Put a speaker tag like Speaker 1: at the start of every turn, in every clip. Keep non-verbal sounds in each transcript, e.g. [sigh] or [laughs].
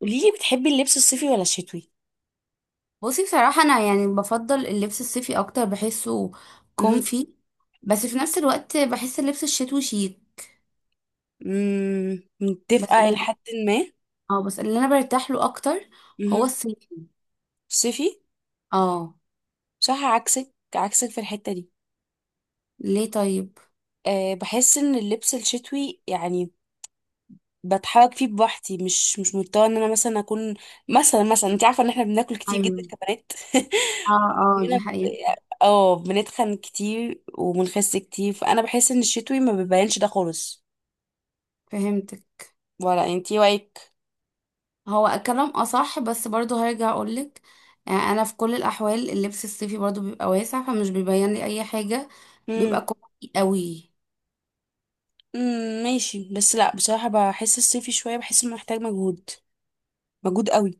Speaker 1: قوليلي بتحبي اللبس الصيفي ولا الشتوي.
Speaker 2: بصي، بصراحة أنا يعني بفضل اللبس الصيفي أكتر، بحسه
Speaker 1: مهم.
Speaker 2: كومفي. بس في نفس الوقت بحس اللبس الشتوي شيك.
Speaker 1: مم،
Speaker 2: بس
Speaker 1: متفقة إلى
Speaker 2: اللي
Speaker 1: حد ما.
Speaker 2: اه بس اللي أنا برتاح له أكتر هو
Speaker 1: مهم.
Speaker 2: الصيفي.
Speaker 1: صيفي.
Speaker 2: اه.
Speaker 1: صح، عكسك في الحتة دي.
Speaker 2: ليه طيب؟
Speaker 1: بحس ان اللبس الشتوي يعني بتحرك فيه بوحدي، مش مضطره ان انا مثلا اكون، مثلا انت عارفه ان احنا بناكل كتير جدا
Speaker 2: أيوه.
Speaker 1: كبنات.
Speaker 2: اه،
Speaker 1: [laughs]
Speaker 2: اه،
Speaker 1: مننا
Speaker 2: دي
Speaker 1: ب...
Speaker 2: حقيقة.
Speaker 1: اه، بنتخن كتير وبنخس كتير، فانا بحس ان الشتوي ما بيبانش ده خالص.
Speaker 2: فهمتك.
Speaker 1: ولا انتي رايك؟
Speaker 2: هو كلام أصح، بس برضه هرجع أقولك. أنا في كل الأحوال اللبس الصيفي برضه بيبقى واسع، فمش بيبين لي أي حاجة، بيبقى كومفي قوي.
Speaker 1: ماشي، بس لا، بصراحة بحس الصيفي شوية، بحس انه محتاج مجهود، مجهود قوي.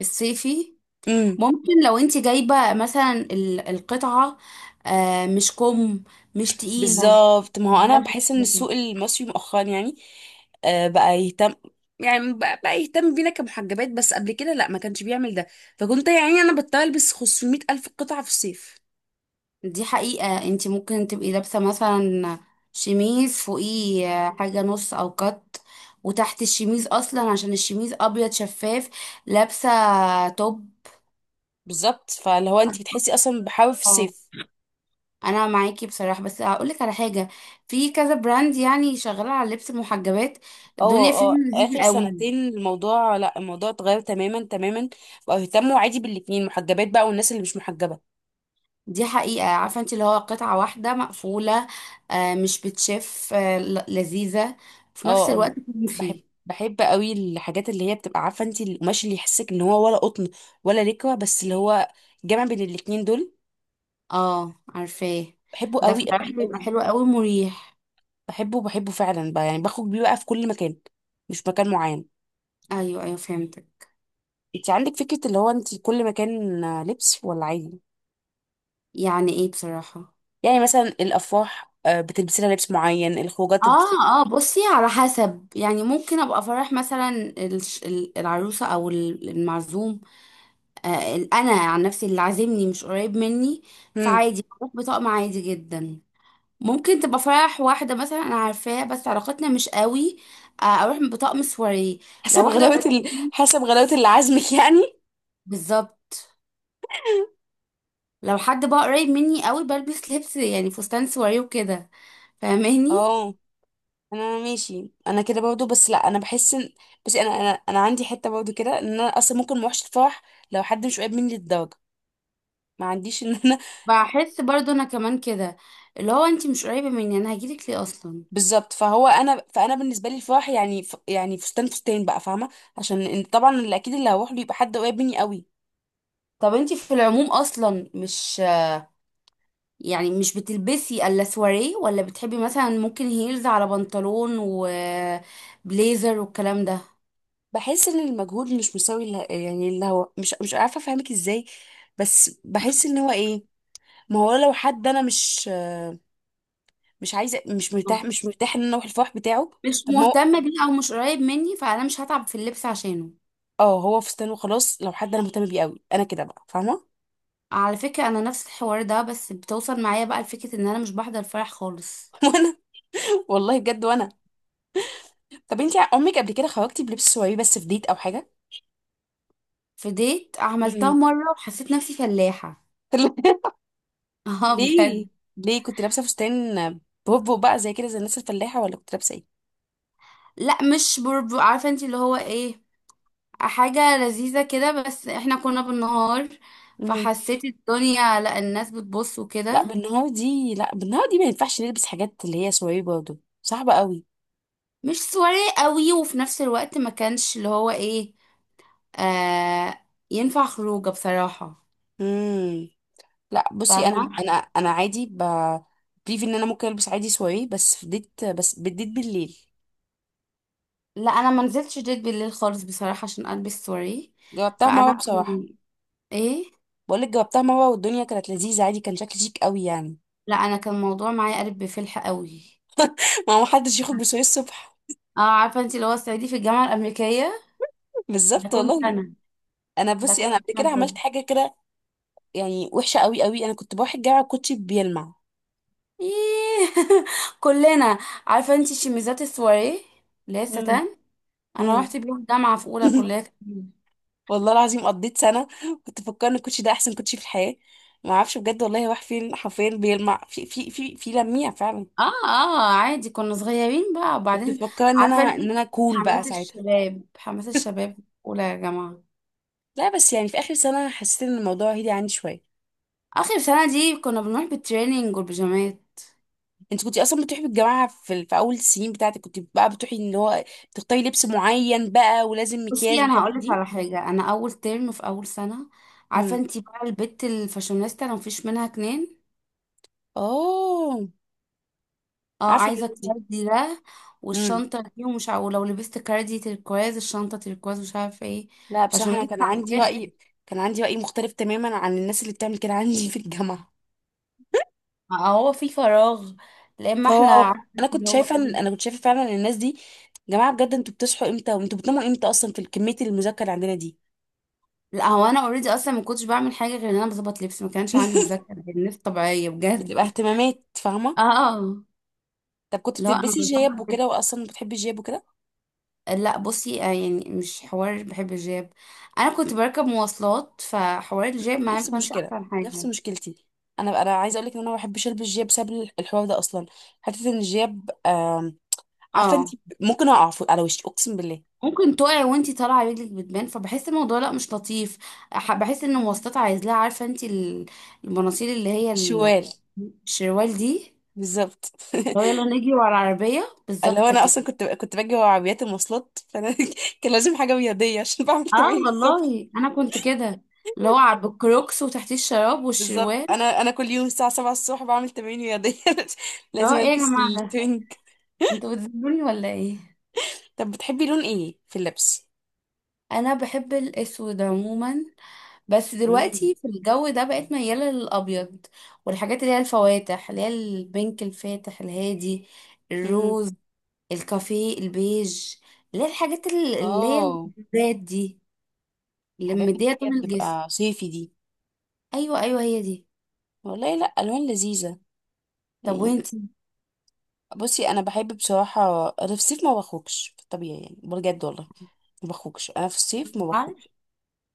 Speaker 2: الصيفي.
Speaker 1: امم
Speaker 2: ممكن لو انت جايبة مثلا القطعة. مش كم، مش تقيلة.
Speaker 1: بالظبط، ما هو انا بحس ان السوق المصري مؤخرا يعني بقى يهتم، يعني بقى يهتم بينا كمحجبات، بس قبل كده لا، ما كانش بيعمل ده. فكنت يعني انا بضطر البس 500 الف قطعة في الصيف.
Speaker 2: دي حقيقة. انت ممكن تبقي لابسة مثلا شميز فوقيه، حاجة نص او كت، وتحت الشميز اصلا عشان الشميز ابيض شفاف، لابسة توب.
Speaker 1: بالظبط، فاللي هو انت بتحسي اصلا بحاول في
Speaker 2: اه،
Speaker 1: الصيف.
Speaker 2: انا معاكي بصراحة، بس هقولك على حاجة. في كذا براند يعني شغالة على لبس المحجبات،
Speaker 1: اه
Speaker 2: الدنيا فيهم
Speaker 1: اه، اخر
Speaker 2: لذيذة قوي.
Speaker 1: سنتين الموضوع، لا الموضوع اتغير تماما تماما، بقى يهتموا عادي بالاتنين، محجبات بقى والناس اللي مش محجبة.
Speaker 2: دي حقيقة. عارفة انت اللي هو قطعة واحدة مقفولة، مش بتشف، لذيذة في نفس
Speaker 1: اه اه.
Speaker 2: الوقت.
Speaker 1: بحب،
Speaker 2: فيه.
Speaker 1: بحب قوي الحاجات اللي هي بتبقى، عارفه انت، القماش اللي يحسك ان هو ولا قطن ولا لكوه، بس اللي هو جمع بين الاتنين دول.
Speaker 2: اه، عارفاه.
Speaker 1: بحبه
Speaker 2: ده
Speaker 1: قوي
Speaker 2: بصراحة
Speaker 1: قوي
Speaker 2: بيبقى
Speaker 1: قوي
Speaker 2: حلو قوي، مريح.
Speaker 1: بحبه فعلا، بقى يعني بخرج بيه بقى في كل مكان، مش مكان معين.
Speaker 2: ايوه، ايوه، فهمتك.
Speaker 1: انت عندك فكره اللي هو انت كل مكان آه، لبس ولا عادي؟
Speaker 2: يعني ايه بصراحة.
Speaker 1: يعني مثلا الافراح آه، بتلبسي لها لبس معين؟ الخروجات
Speaker 2: اه، اه، بصي، على حسب. يعني ممكن ابقى فرح مثلا العروسة او المعزوم. انا عن نفسي اللي عازمني مش قريب مني،
Speaker 1: مم.
Speaker 2: فعادي بروح بطقم عادي جدا. ممكن تبقى فرح واحدة مثلا أنا عارفاه بس علاقتنا مش قوي، أروح بطقم سواريه. لو واحدة قريبة مني-
Speaker 1: حسب غلاوه اللي عازمك يعني.
Speaker 2: بالظبط. لو حد بقى قريب مني قوي، بلبس لبس يعني فستان سواريه وكده. فاهماني.
Speaker 1: اه، انا ماشي انا كده برضو، بس لا، انا بحس ان، بس انا عندي حته برضو كده، ان انا اصلا ممكن ما اروحش الفرح لو حد مش قريب مني للدرجه. ما عنديش ان انا.
Speaker 2: بحس برضو أنا كمان كده، اللي هو أنتي مش قريبة مني أنا هجيلك ليه أصلا؟
Speaker 1: [laughs] بالظبط، فهو انا بالنسبه لي الفرح يعني يعني فستان بقى، فاهمه؟ عشان طبعا اللي اكيد اللي هروح له يبقى حد قريب مني قوي.
Speaker 2: طب أنتي في العموم أصلا مش يعني مش بتلبسي إلا سواريه؟ ولا بتحبي مثلا ممكن هيلز على بنطلون وبليزر والكلام ده؟
Speaker 1: بحس ان المجهود مش مساوي يعني اللي هو، مش عارفه افهمك ازاي، بس بحس ان هو ايه؟ ما هو لو حد انا مش، مش عايزه مش مرتاح مش مرتاح ان انا اروح الفرح بتاعه.
Speaker 2: مش
Speaker 1: طب ما هو،
Speaker 2: مهتم بيه او مش قريب مني، فانا مش هتعب في اللبس عشانه.
Speaker 1: اه هو فستان وخلاص. لو حد انا مهتمه بيه قوي، انا كده بقى، فاهمه؟
Speaker 2: على فكرة، انا نفس الحوار ده بس بتوصل معايا بقى لفكرة ان انا مش بحضر فرح خالص.
Speaker 1: [laughs] وانا، والله بجد، وانا، طب انت عمرك قبل كده خرجتي بلبس سواري بس في ديت او حاجه؟
Speaker 2: في ديت عملتها
Speaker 1: مم.
Speaker 2: مرة، وحسيت نفسي فلاحة.
Speaker 1: [laughs]
Speaker 2: [laughs] اه، بجد.
Speaker 1: ليه؟ ليه كنت لابسه فستان بوبو بقى زي كده زي الناس الفلاحه، ولا كنت لابسه ايه؟
Speaker 2: لا، مش برب. عارفة انت اللي هو ايه، حاجة لذيذة كده، بس احنا كنا بالنهار،
Speaker 1: مم.
Speaker 2: فحسيت الدنيا، لا، الناس بتبص
Speaker 1: لا
Speaker 2: وكده.
Speaker 1: بالنهار دي، لا بالنهار دي ما ينفعش نلبس حاجات اللي هي سواري، برضه صعبه قوي.
Speaker 2: مش سواري قوي، وفي نفس الوقت ما كانش اللي هو ايه، ينفع خروجه بصراحة.
Speaker 1: مم. لا بصي، انا
Speaker 2: فاهمة.
Speaker 1: انا انا عادي بليف ان انا ممكن البس عادي سواري بس في ديت، بس بالديت بالليل.
Speaker 2: لا، انا ما نزلتش ديت بالليل خالص بصراحه، عشان البس واريه.
Speaker 1: جربتها مره
Speaker 2: فانا
Speaker 1: بصراحه.
Speaker 2: كان- ايه.
Speaker 1: بقولك جاوبتها مرة والدنيا كانت لذيذة عادي، كان شكلي شيك قوي يعني.
Speaker 2: لا، انا كان الموضوع معايا قلب بفلح قوي.
Speaker 1: [laughs] ما هو محدش يخرج بسوري الصبح.
Speaker 2: اه، عارفه انت اللي هو الصعيدي في الجامعه الامريكيه،
Speaker 1: [laughs]
Speaker 2: ده
Speaker 1: بالظبط
Speaker 2: كنت
Speaker 1: والله.
Speaker 2: انا.
Speaker 1: انا
Speaker 2: ده
Speaker 1: بصي،
Speaker 2: كنت
Speaker 1: انا قبل
Speaker 2: انا،
Speaker 1: كده عملت
Speaker 2: بجد.
Speaker 1: حاجة كده يعني وحشة قوي قوي. انا كنت بروح الجامعة الكوتشي بيلمع.
Speaker 2: إيه. [laughs] كلنا. عارفه انت شميزات السواريه، اللي هي
Speaker 1: مم.
Speaker 2: الستان، انا رحت
Speaker 1: امم.
Speaker 2: بيهم الجامعه في اولى
Speaker 1: [laughs]
Speaker 2: كليه تجميل.
Speaker 1: والله العظيم قضيت سنة كنت بفكر ان الكوتشي ده احسن كوتشي في الحياة. ما اعرفش بجد والله راح فين، حرفيا بيلمع في لميع فعلا.
Speaker 2: اه، اه، عادي، كنا صغيرين بقى
Speaker 1: كنت
Speaker 2: وبعدين.
Speaker 1: بفكر ان انا،
Speaker 2: عارفه
Speaker 1: ان
Speaker 2: انت،
Speaker 1: انا كول بقى
Speaker 2: حماس
Speaker 1: ساعتها.
Speaker 2: الشباب حماس الشباب، اولى يا جماعه.
Speaker 1: لا بس يعني في اخر سنة حسيت ان الموضوع هدي عندي شوية.
Speaker 2: اخر سنه دي كنا بنروح بالتريننج والبيجامات.
Speaker 1: انت كنت اصلا بتروحي بالجماعه في اول السنين بتاعتك، كنت بقى بتروحي اللي هو تختاري لبس معين بقى، ولازم
Speaker 2: بصي،
Speaker 1: مكياج
Speaker 2: انا
Speaker 1: والحاجات
Speaker 2: هقولك
Speaker 1: دي؟
Speaker 2: على حاجه. انا اول ترم في اول سنه، عارفه
Speaker 1: امم.
Speaker 2: انتي بقى البت الفاشونيستا، انا مفيش منها اتنين.
Speaker 1: اوه،
Speaker 2: اه،
Speaker 1: عارفه
Speaker 2: عايزه
Speaker 1: الناس دي.
Speaker 2: كاردي ده
Speaker 1: امم.
Speaker 2: والشنطه دي، ومش عارفه، ولو لبست كاردي تركواز الشنطه تركواز، مش عارفه ايه.
Speaker 1: لا بصراحه، انا
Speaker 2: فاشونيستا
Speaker 1: كان
Speaker 2: على
Speaker 1: عندي
Speaker 2: الاخر.
Speaker 1: راي، كان عندي راي مختلف تماما عن الناس اللي بتعمل كده عندي في الجامعه.
Speaker 2: هو في فراغ. لا، اما احنا،
Speaker 1: فهو
Speaker 2: عارفه اللي هو ايه.
Speaker 1: انا كنت شايفه فعلا ان الناس دي، جماعه بجد، انتوا بتصحوا امتى وانتوا بتناموا امتى اصلا، في كميه المذاكره اللي عندنا دي؟
Speaker 2: لا، هو انا اوريدي اصلا ما كنتش بعمل حاجه غير ان انا بظبط لبس، ما كانش عندي
Speaker 1: [laughs]
Speaker 2: مذاكره، الناس طبيعيه
Speaker 1: بتبقى
Speaker 2: بجد.
Speaker 1: اهتمامات، فاهمه؟
Speaker 2: اه.
Speaker 1: طب كنت
Speaker 2: لا انا
Speaker 1: بتلبسي جياب وكده،
Speaker 2: بظبط.
Speaker 1: واصلا بتحبي الجياب وكده؟
Speaker 2: لا بصي، يعني مش حوار بحب الجاب. انا كنت بركب مواصلات، فحوار الجاب معايا
Speaker 1: نفس
Speaker 2: ما كانش
Speaker 1: المشكله،
Speaker 2: احسن
Speaker 1: نفس
Speaker 2: حاجه.
Speaker 1: مشكلتي. انا، انا عايزه اقول لك ان انا ما بحبش البس جياب بسبب الحوار ده اصلا. حته ان الجياب عارفه انت،
Speaker 2: اه،
Speaker 1: على وشي اقسم بالله.
Speaker 2: ممكن تقعي وانتي طالعه رجلك بتبان، فبحس الموضوع لا مش لطيف. بحس ان المواصلات عايز لها، عارفه انتي المناصيل، اللي هي
Speaker 1: شوال،
Speaker 2: الشروال دي.
Speaker 1: بالظبط.
Speaker 2: لو
Speaker 1: [laughs]
Speaker 2: يلا نجري ورا العربيه
Speaker 1: اللي هو
Speaker 2: بالظبط
Speaker 1: انا
Speaker 2: كده.
Speaker 1: اصلا كنت باجي ورا عربيات المواصلات، فانا [laughs] كان لازم حاجه رياضيه عشان بعمل
Speaker 2: اه
Speaker 1: تمارين الصبح.
Speaker 2: والله انا كنت كده، اللي هو على الكروكس وتحتيه الشراب والشروال.
Speaker 1: بالظبط، انا انا كل يوم الساعه 7 الصبح بعمل تمارين رياضيه. [laughs]
Speaker 2: اللي هو
Speaker 1: لازم
Speaker 2: ايه يا
Speaker 1: البس
Speaker 2: جماعه ده،
Speaker 1: الترنج.
Speaker 2: انتوا بتذلوني ولا ايه؟
Speaker 1: طب بتحبي لون ايه في اللبس؟
Speaker 2: انا بحب الاسود عموما، بس
Speaker 1: امم.
Speaker 2: دلوقتي في الجو ده بقت ميالة للأبيض، والحاجات اللي هي الفواتح، اللي هي البينك الفاتح الهادي،
Speaker 1: امم.
Speaker 2: الروز، الكافيه، البيج، اللي هي الحاجات اللي هي
Speaker 1: اه.
Speaker 2: الزيت دي، اللي
Speaker 1: الحاجات اللي
Speaker 2: مدية
Speaker 1: هي
Speaker 2: طول الجسم.
Speaker 1: بتبقى صيفي دي.
Speaker 2: أيوة، أيوة، هي دي.
Speaker 1: والله لا، الوان لذيذه
Speaker 2: طب
Speaker 1: يعني.
Speaker 2: وانتي؟
Speaker 1: بصي انا بحب بصراحه، انا في الصيف ما بخرجش في الطبيعي يعني، بجد والله ما بخرجش انا في الصيف، ما
Speaker 2: عارف.
Speaker 1: بخرجش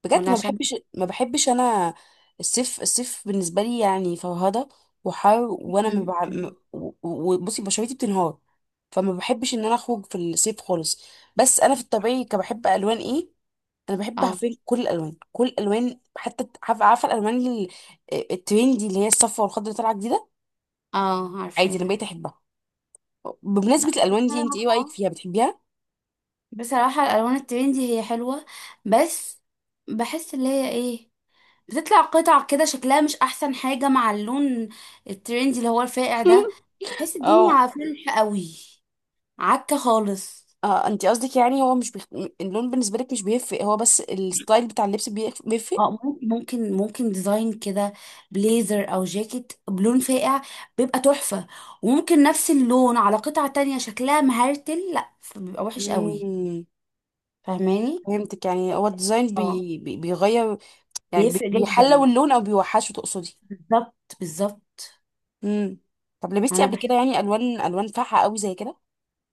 Speaker 1: بجد.
Speaker 2: ولا
Speaker 1: ما
Speaker 2: عشان.
Speaker 1: بحبش، ما بحبش انا الصيف. الصيف بالنسبه لي يعني فرهده وحر، وانا ما بع...
Speaker 2: [laughs]
Speaker 1: م- و- وبصي بشرتي بتنهار، فما بحبش ان انا اخرج في الصيف خالص. بس انا في الطبيعي كبحب الوان ايه؟ انا بحب،
Speaker 2: اه،
Speaker 1: عارفين، كل الالوان، كل الالوان. حتى عارفه، عارفة الالوان الترندي اللي هي الصفرا والخضرا اللي طالعه جديده؟
Speaker 2: اه،
Speaker 1: عادي انا
Speaker 2: عارفاها.
Speaker 1: بقيت احبها.
Speaker 2: لا،
Speaker 1: بمناسبة الألوان دي، انت ايه رأيك
Speaker 2: بصراحة
Speaker 1: فيها، بتحبيها؟
Speaker 2: بصراحة الألوان الترندي هي حلوة، بس بحس اللي هي ايه، بتطلع قطع كده شكلها مش احسن حاجة مع اللون الترندي اللي هو الفاقع ده.
Speaker 1: [laughs]
Speaker 2: بحس
Speaker 1: اه
Speaker 2: الدنيا فلح قوي، عكة خالص.
Speaker 1: اه، انت قصدك يعني هو مش اللون بالنسبة لك مش بيفرق، هو بس الستايل بتاع اللبس بيفرق؟
Speaker 2: اه، ممكن ديزاين كده، بليزر او جاكيت بلون فاقع، بيبقى تحفة. وممكن نفس اللون على قطعة تانية شكلها مهرتل، لا بيبقى وحش قوي.
Speaker 1: امم.
Speaker 2: فاهماني.
Speaker 1: فهمتك، يعني هو الديزاين
Speaker 2: اه،
Speaker 1: بيغير يعني،
Speaker 2: بيفرق جدا،
Speaker 1: بيحلو اللون او بيوحشه تقصدي؟
Speaker 2: بالظبط، بالظبط.
Speaker 1: امم. طب لبستي
Speaker 2: انا
Speaker 1: قبل كده
Speaker 2: بحب،
Speaker 1: يعني الوان، الوان فاتحة قوي زي كده؟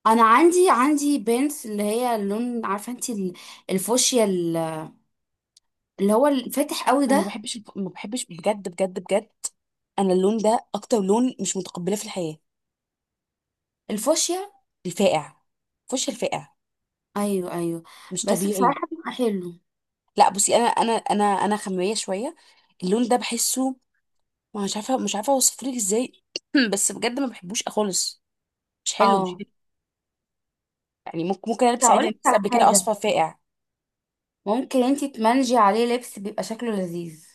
Speaker 2: انا عندي بنت اللي هي اللون، عارفه انت، الفوشيا، اللي هو الفاتح قوي
Speaker 1: انا ما
Speaker 2: ده.
Speaker 1: بحبش ما بحبش بجد بجد بجد. انا اللون ده اكتر لون مش متقبلاه في الحياة،
Speaker 2: الفوشيا.
Speaker 1: الفاقع، فش الفاقع،
Speaker 2: ايوه، ايوه،
Speaker 1: مش
Speaker 2: بس
Speaker 1: طبيعي.
Speaker 2: بصراحه بيبقى حلو.
Speaker 1: لا بصي، انا خماميه شويه اللون ده، بحسه، ما مش عارفه، مش عارفه اوصفه لك ازاي. [clears throat] بس بجد ما بحبوش خالص، مش حلو مش
Speaker 2: اه،
Speaker 1: حلو. يعني ممكن، ممكن البس
Speaker 2: هقول
Speaker 1: عادي، انا
Speaker 2: لك
Speaker 1: لسه
Speaker 2: على
Speaker 1: قبل كده
Speaker 2: حاجه،
Speaker 1: اصفر فاقع
Speaker 2: ممكن انتي تمنجي عليه لبس بيبقى شكله لذيذ.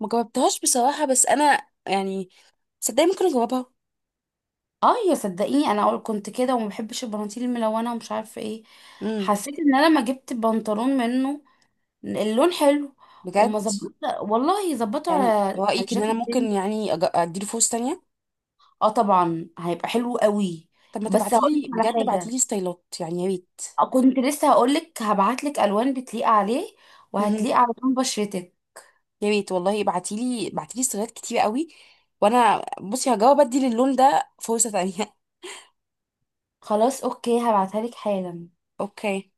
Speaker 1: ما جربتهاش بصراحه، بس انا يعني صدقني ممكن اجربها.
Speaker 2: اه، يا صدقيني، انا اقول كنت كده وما بحبش البناطيل الملونه ومش عارفه ايه.
Speaker 1: امم.
Speaker 2: حسيت ان انا لما جبت بنطلون منه، اللون حلو، وما
Speaker 1: بجد؟
Speaker 2: ظبط. والله ظبطه على،
Speaker 1: يعني
Speaker 2: على
Speaker 1: رايك ان انا
Speaker 2: الجاكيت
Speaker 1: ممكن
Speaker 2: بينك.
Speaker 1: يعني اديله فرصه تانية؟
Speaker 2: اه، طبعا هيبقى حلو قوي.
Speaker 1: طب ما
Speaker 2: بس هقول لك
Speaker 1: تبعتيلي،
Speaker 2: على
Speaker 1: بجد
Speaker 2: حاجه،
Speaker 1: ابعتيلي ستايلات يعني يا ريت.
Speaker 2: كنت لسه هقولك هبعتلك الوان بتليق عليه،
Speaker 1: مهم.
Speaker 2: وهتليق على لون بشرتك.
Speaker 1: يا ريت والله، ابعتيلي، ابعتيلي ستايلات كتير قوي، وانا بصي هجاوب ادي للون ده فرصه تانية.
Speaker 2: خلاص، اوكي، هبعتها لك حالا.
Speaker 1: [laughs] اوكي.